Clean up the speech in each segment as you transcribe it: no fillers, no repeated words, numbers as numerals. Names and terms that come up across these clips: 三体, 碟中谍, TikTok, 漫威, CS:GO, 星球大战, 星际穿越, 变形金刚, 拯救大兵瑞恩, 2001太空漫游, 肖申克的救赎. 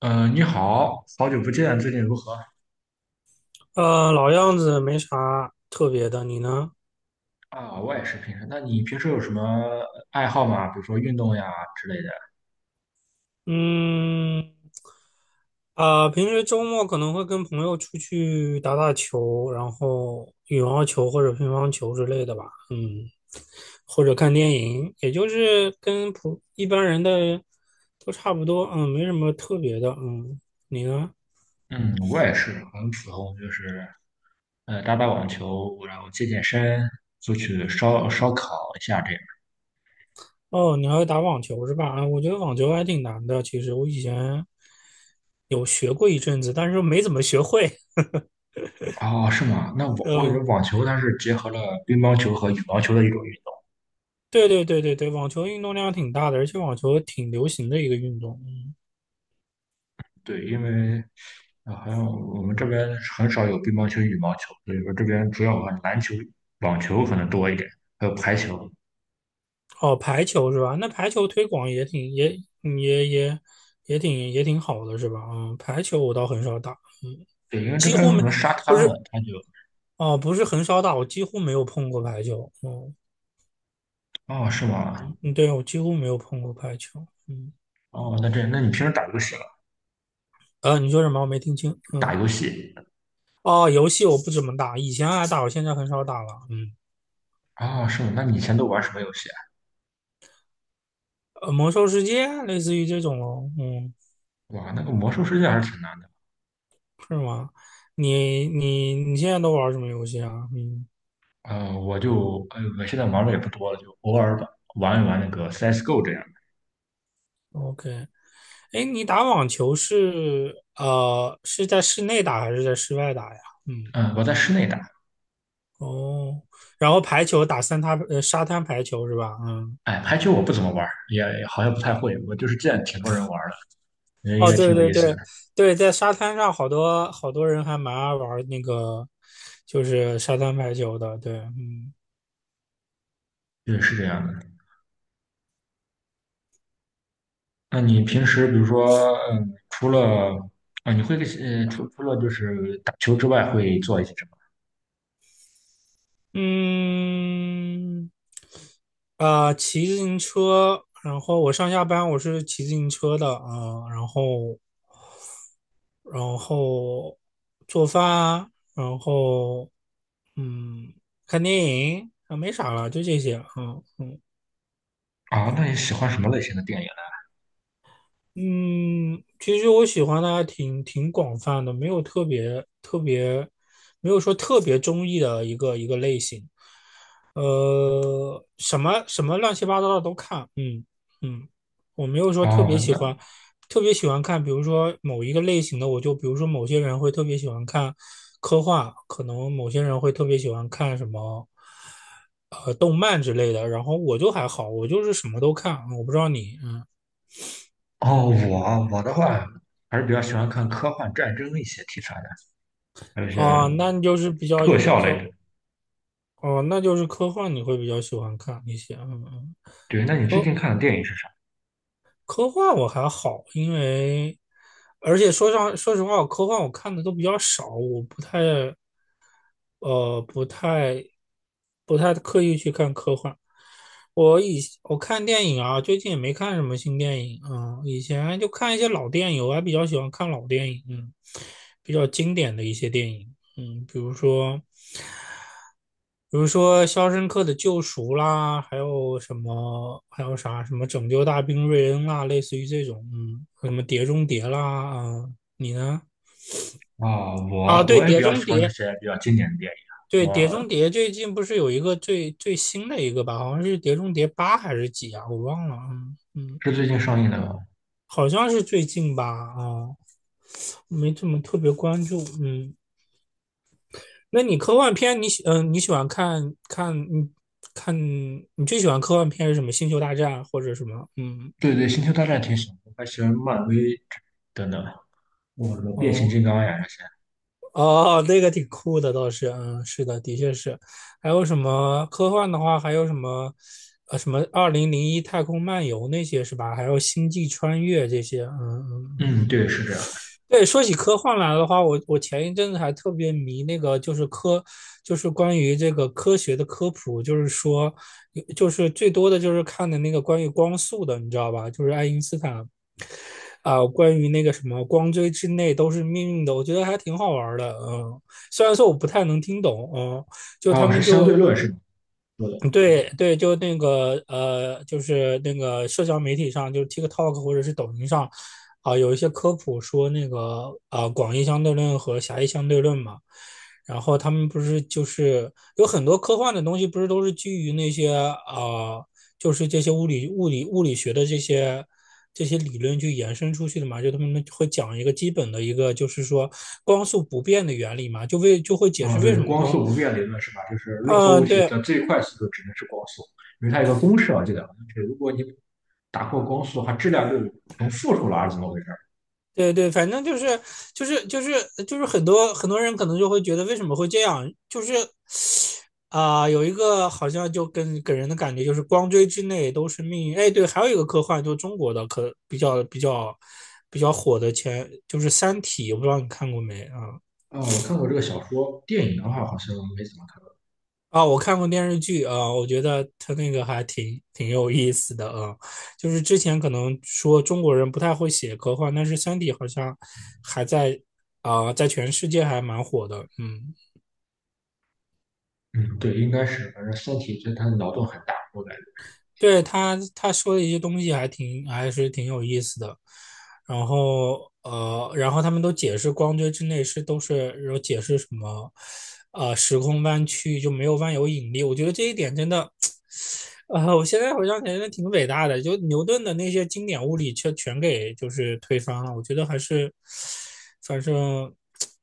你好，好久不见，最近如何？老样子，没啥特别的。你呢？啊，我也是平时。那你平时有什么爱好吗？比如说运动呀之类的。嗯，平时周末可能会跟朋友出去打打球，然后羽毛球或者乒乓球之类的吧。嗯，或者看电影，也就是跟一般人的都差不多。嗯，没什么特别的。嗯，你呢？嗯，我也是很普通，就是打打网球，然后健健身，出去烧烧烤一下这样。哦，你还会打网球是吧？啊，我觉得网球还挺难的。其实我以前有学过一阵子，但是没怎么学会。哦，是吗？那我 我感觉嗯。网球它是结合了乒乓球和羽毛球的一种运动。对对对对对，网球运动量挺大的，而且网球挺流行的一个运动。嗯，对，因为啊，好像我们这边很少有乒乓球、羽毛球，所以说这边主要玩篮球、网球可能多一点，还有排球。哦，排球是吧？那排球推广也挺也嗯也也也挺也挺好的是吧？嗯，排球我倒很少打。嗯，对，因为这几边有乎很没，多沙滩不是了，哦，不是很少打，我几乎没有碰过排球。嗯，哦，是吗？嗯，对，我几乎没有碰过排球。嗯，哦，那你平时打游戏了？你说什么？我没听清。打嗯，游戏？哦，游戏我不怎么打，以前爱打，我现在很少打了。嗯，哦，是吗？那你以前都玩什么游戏啊？魔兽世界类似于这种咯。嗯。哇，那个魔兽世界还是挺难的。是吗？你现在都玩什么游戏啊？嗯我现在玩的也不多了，就偶尔玩玩一玩那个 CS:GO 这样的。，OK,哎，你打网球是在室内打还是在室外打呀？嗯，嗯，我在室内打。哦，然后排球打沙滩排球是吧？嗯，哎，排球我不怎么玩，也好像不太会。我就是见挺多人玩的，觉得应哦，该挺对有对意思的。对对，在沙滩上好多好多人还蛮爱玩那个就是沙滩排球的，对，嗯。对，是这样的。那你平时比如说，除了啊，你会呃，除除了就是打球之外，会做一些什么？嗯，骑自行车，然后我上下班我是骑自行车的啊，然后做饭，然后嗯，看电影啊，没啥了，就这些啊，嗯啊，那你喜欢什么类型的电影嗯，其实我喜欢的还挺广泛的，没有特别特别，没有说特别中意的一个一个类型。什么什么乱七八糟的都看，嗯嗯，我没有说呢？特别哦，喜欢，特别喜欢看，比如说某一个类型的，我就比如说某些人会特别喜欢看科幻，可能某些人会特别喜欢看动漫之类的，然后我就还好，我就是什么都看，我不知道你，嗯。我的话还是比较喜欢看科幻、战争一些题材的，还有一些哦，那你就是比较特有比效类较的。哦，那就是科幻你会比较喜欢看一些，嗯嗯，对，那你最近看的电影是啥？科幻我还好，因为而且说实话，科幻我看的都比较少，我呃不太不太刻意去看科幻。我看电影啊，最近也没看什么新电影啊，以前就看一些老电影，我还比较喜欢看老电影，嗯，比较经典的一些电影，嗯，比如说。比如说《肖申克的救赎》啦，还有什么，还有什么《拯救大兵瑞恩》啦，类似于这种，嗯，什么《碟中谍》啦，啊，你呢？啊、啊，我对，我也比《碟较中喜欢这谍》，些比较经典的电影对，啊。《碟我中谍》最近不是有一个最新的一个吧？好像是《碟中谍八》还是几啊？我忘了，嗯嗯，是最近上映的，吗？好像是最近吧，啊，没怎么特别关注，嗯。那你科幻片你喜欢看你最喜欢科幻片是什么？星球大战或者什么？嗯对对，《星球大战》挺喜欢，我还喜欢漫威等等，我什么变形哦金刚呀这些。哦，那个挺酷的倒是，嗯是的，的确是。还有什么科幻的话，还有什么《2001太空漫游》那些是吧？还有《星际穿越》这些，嗯嗯嗯。嗯，对，是这样。对，说起科幻来的话，我前一阵子还特别迷那个，就是科，就是关于这个科学的科普，就是说，就是最多的就是看的那个关于光速的，你知道吧？就是爱因斯坦，关于那个什么光锥之内都是命运的，我觉得还挺好玩的，嗯。虽然说我不太能听懂，嗯，就他哦，是们相就对论是说的。对对，就那个就是那个社交媒体上，就是 TikTok 或者是抖音上，有一些科普说那个广义相对论和狭义相对论嘛。然后他们不是就是有很多科幻的东西，不是都是基于那些啊、就是这些物理学的这些理论去延伸出去的嘛？就他们会讲一个基本的一个，就是说光速不变的原理嘛，就会解啊，释为对，什么光光，速不变理论是吧？就是任何物嗯、体对，的最快速度只能是光速，因为它有个公式啊我记得好像是，如果你打破光速的话，质量就成负数了，还是怎么回事对对，反正就是就是就是很多很多人可能就会觉得为什么会这样，就是有一个好像就跟给人的感觉就是光锥之内都是命运。哎，对，还有一个科幻，就中国的可比较比较比较火的就是《三体》，我不知道你看过没啊？儿啊，我看过这个小说，电影的话好像没怎么看过。啊，我看过电视剧啊，我觉得它那个还挺有意思的啊。就是之前可能说中国人不太会写科幻，但是《三体》好像还在在全世界还蛮火的，嗯。嗯，对，应该是，反正《三体》它的脑洞很大，我感觉。对他说的一些东西还是挺有意思的，然后然后他们都解释光锥之内是都是有解释什么，呃，时空弯曲就没有万有引力，我觉得这一点真的。啊，我现在回想起来真的挺伟大的，就牛顿的那些经典物理却全给就是推翻了，我觉得还是，反正，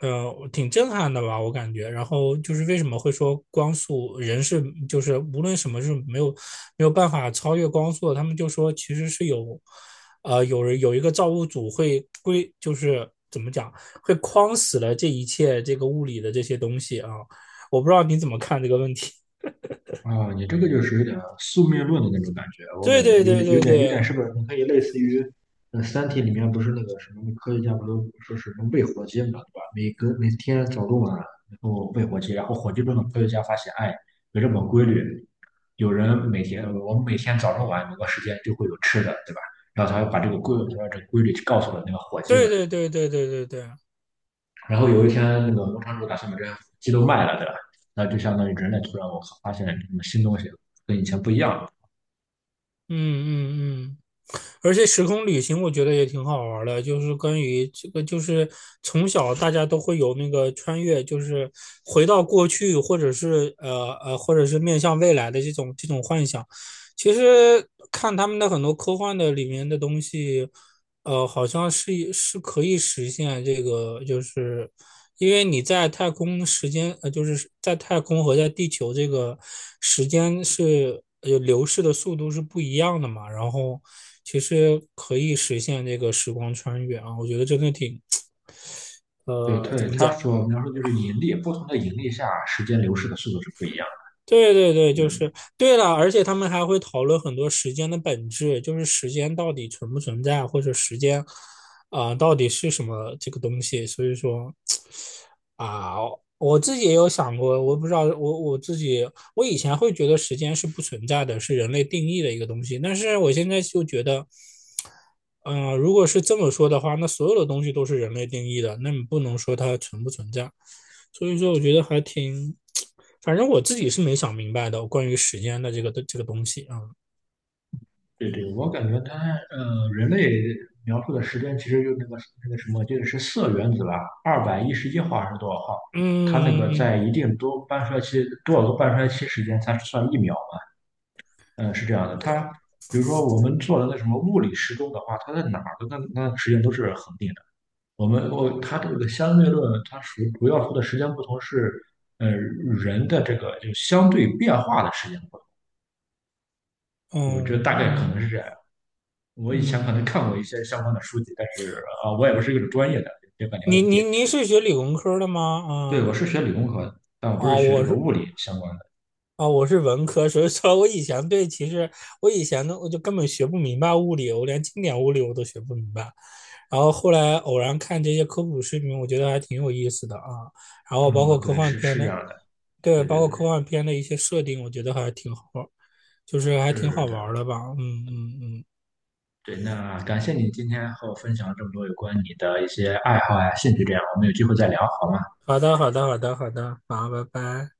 挺震撼的吧，我感觉。然后就是为什么会说光速人是就是无论什么是没有办法超越光速的，他们就说其实是有，呃，有人有一个造物主会归，就是怎么讲会框死了这一切这个物理的这些东西啊，我不知道你怎么看这个问题。啊，你这个就是有点宿命论的那种感觉，我对感觉对有对点、有对点、有点，对，是不是？你可以类似于，《三体》里面不是那个什么科学家不都说是能喂火鸡嘛，对吧？每天早中晚，然后喂火鸡，然后火鸡中的科学家发现，哎，有这么个规律，有人每天，我们每天早中晚某个时间就会有吃的，对吧？然后他把这个规律告诉了那个火鸡们，对对对对对对对，然后有一天那个农场主打算把这些鸡都卖了，对吧？那就相当于人类突然我靠发现了什么新东西，跟以前不一样了。嗯嗯嗯，而且时空旅行我觉得也挺好玩儿的，就是关于这个，就是从小大家都会有那个穿越，就是回到过去，或者是或者是面向未来的这种这种幻想。其实看他们的很多科幻的里面的东西，呃，好像是可以实现这个，就是因为你在太空时间，呃，就是在太空和在地球这个时间是流逝的速度是不一样的嘛，然后其实可以实现这个时光穿越啊，我觉得真的挺，对呃，怎对，么他讲？所描述就是引力，不同的引力下，时间流逝的速度是不一样对对对，的。就嗯是对了，而且他们还会讨论很多时间的本质，就是时间到底存不存在，或者时间，到底是什么这个东西。所以说，啊，我自己也有想过，我不知道，我自己，我以前会觉得时间是不存在的，是人类定义的一个东西，但是我现在就觉得，嗯、如果是这么说的话，那所有的东西都是人类定义的，那你不能说它存不存在。所以说，我觉得还挺，反正我自己是没想明白的，关于时间的这个东西啊，对对，我感觉人类描述的时间其实就那个什么，就是铯原子吧，211号还是多少号？它那个嗯嗯在一定多半衰期多少个半衰期时间才算一秒？嗯，是这样的。它比如说我们做的那什么物理时钟的话，它在哪儿的那个时间都是恒定的。我们我它这个相对论，它属于主要说的时间不同是，人的这个就相对变化的时间不同。我嗯觉得大概可能是嗯这样。我以前可能嗯嗯，看过一些相关的书籍，但是我也不是一个专业的，也敢了解一您你点点。您是学理工科的对，吗？我是学理工科的，但我不是哦，学这我个是物理相关的。哦我是文科，所以说我以前对其实我以前呢，我就根本学不明白物理，我连经典物理我都学不明白。然后后来偶然看这些科普视频，我觉得还挺有意思的啊。然后包哦，括科对，幻是片是这的，样的。对，对包对括对，科幻片的一些设定，我觉得还挺好，就是还挺是好玩的，的吧。嗯嗯嗯，对。那感谢你今天和我分享了这么多有关你的一些爱好呀、兴趣，这样我们有机会再聊好吗？好的好的好的好的，好，拜拜。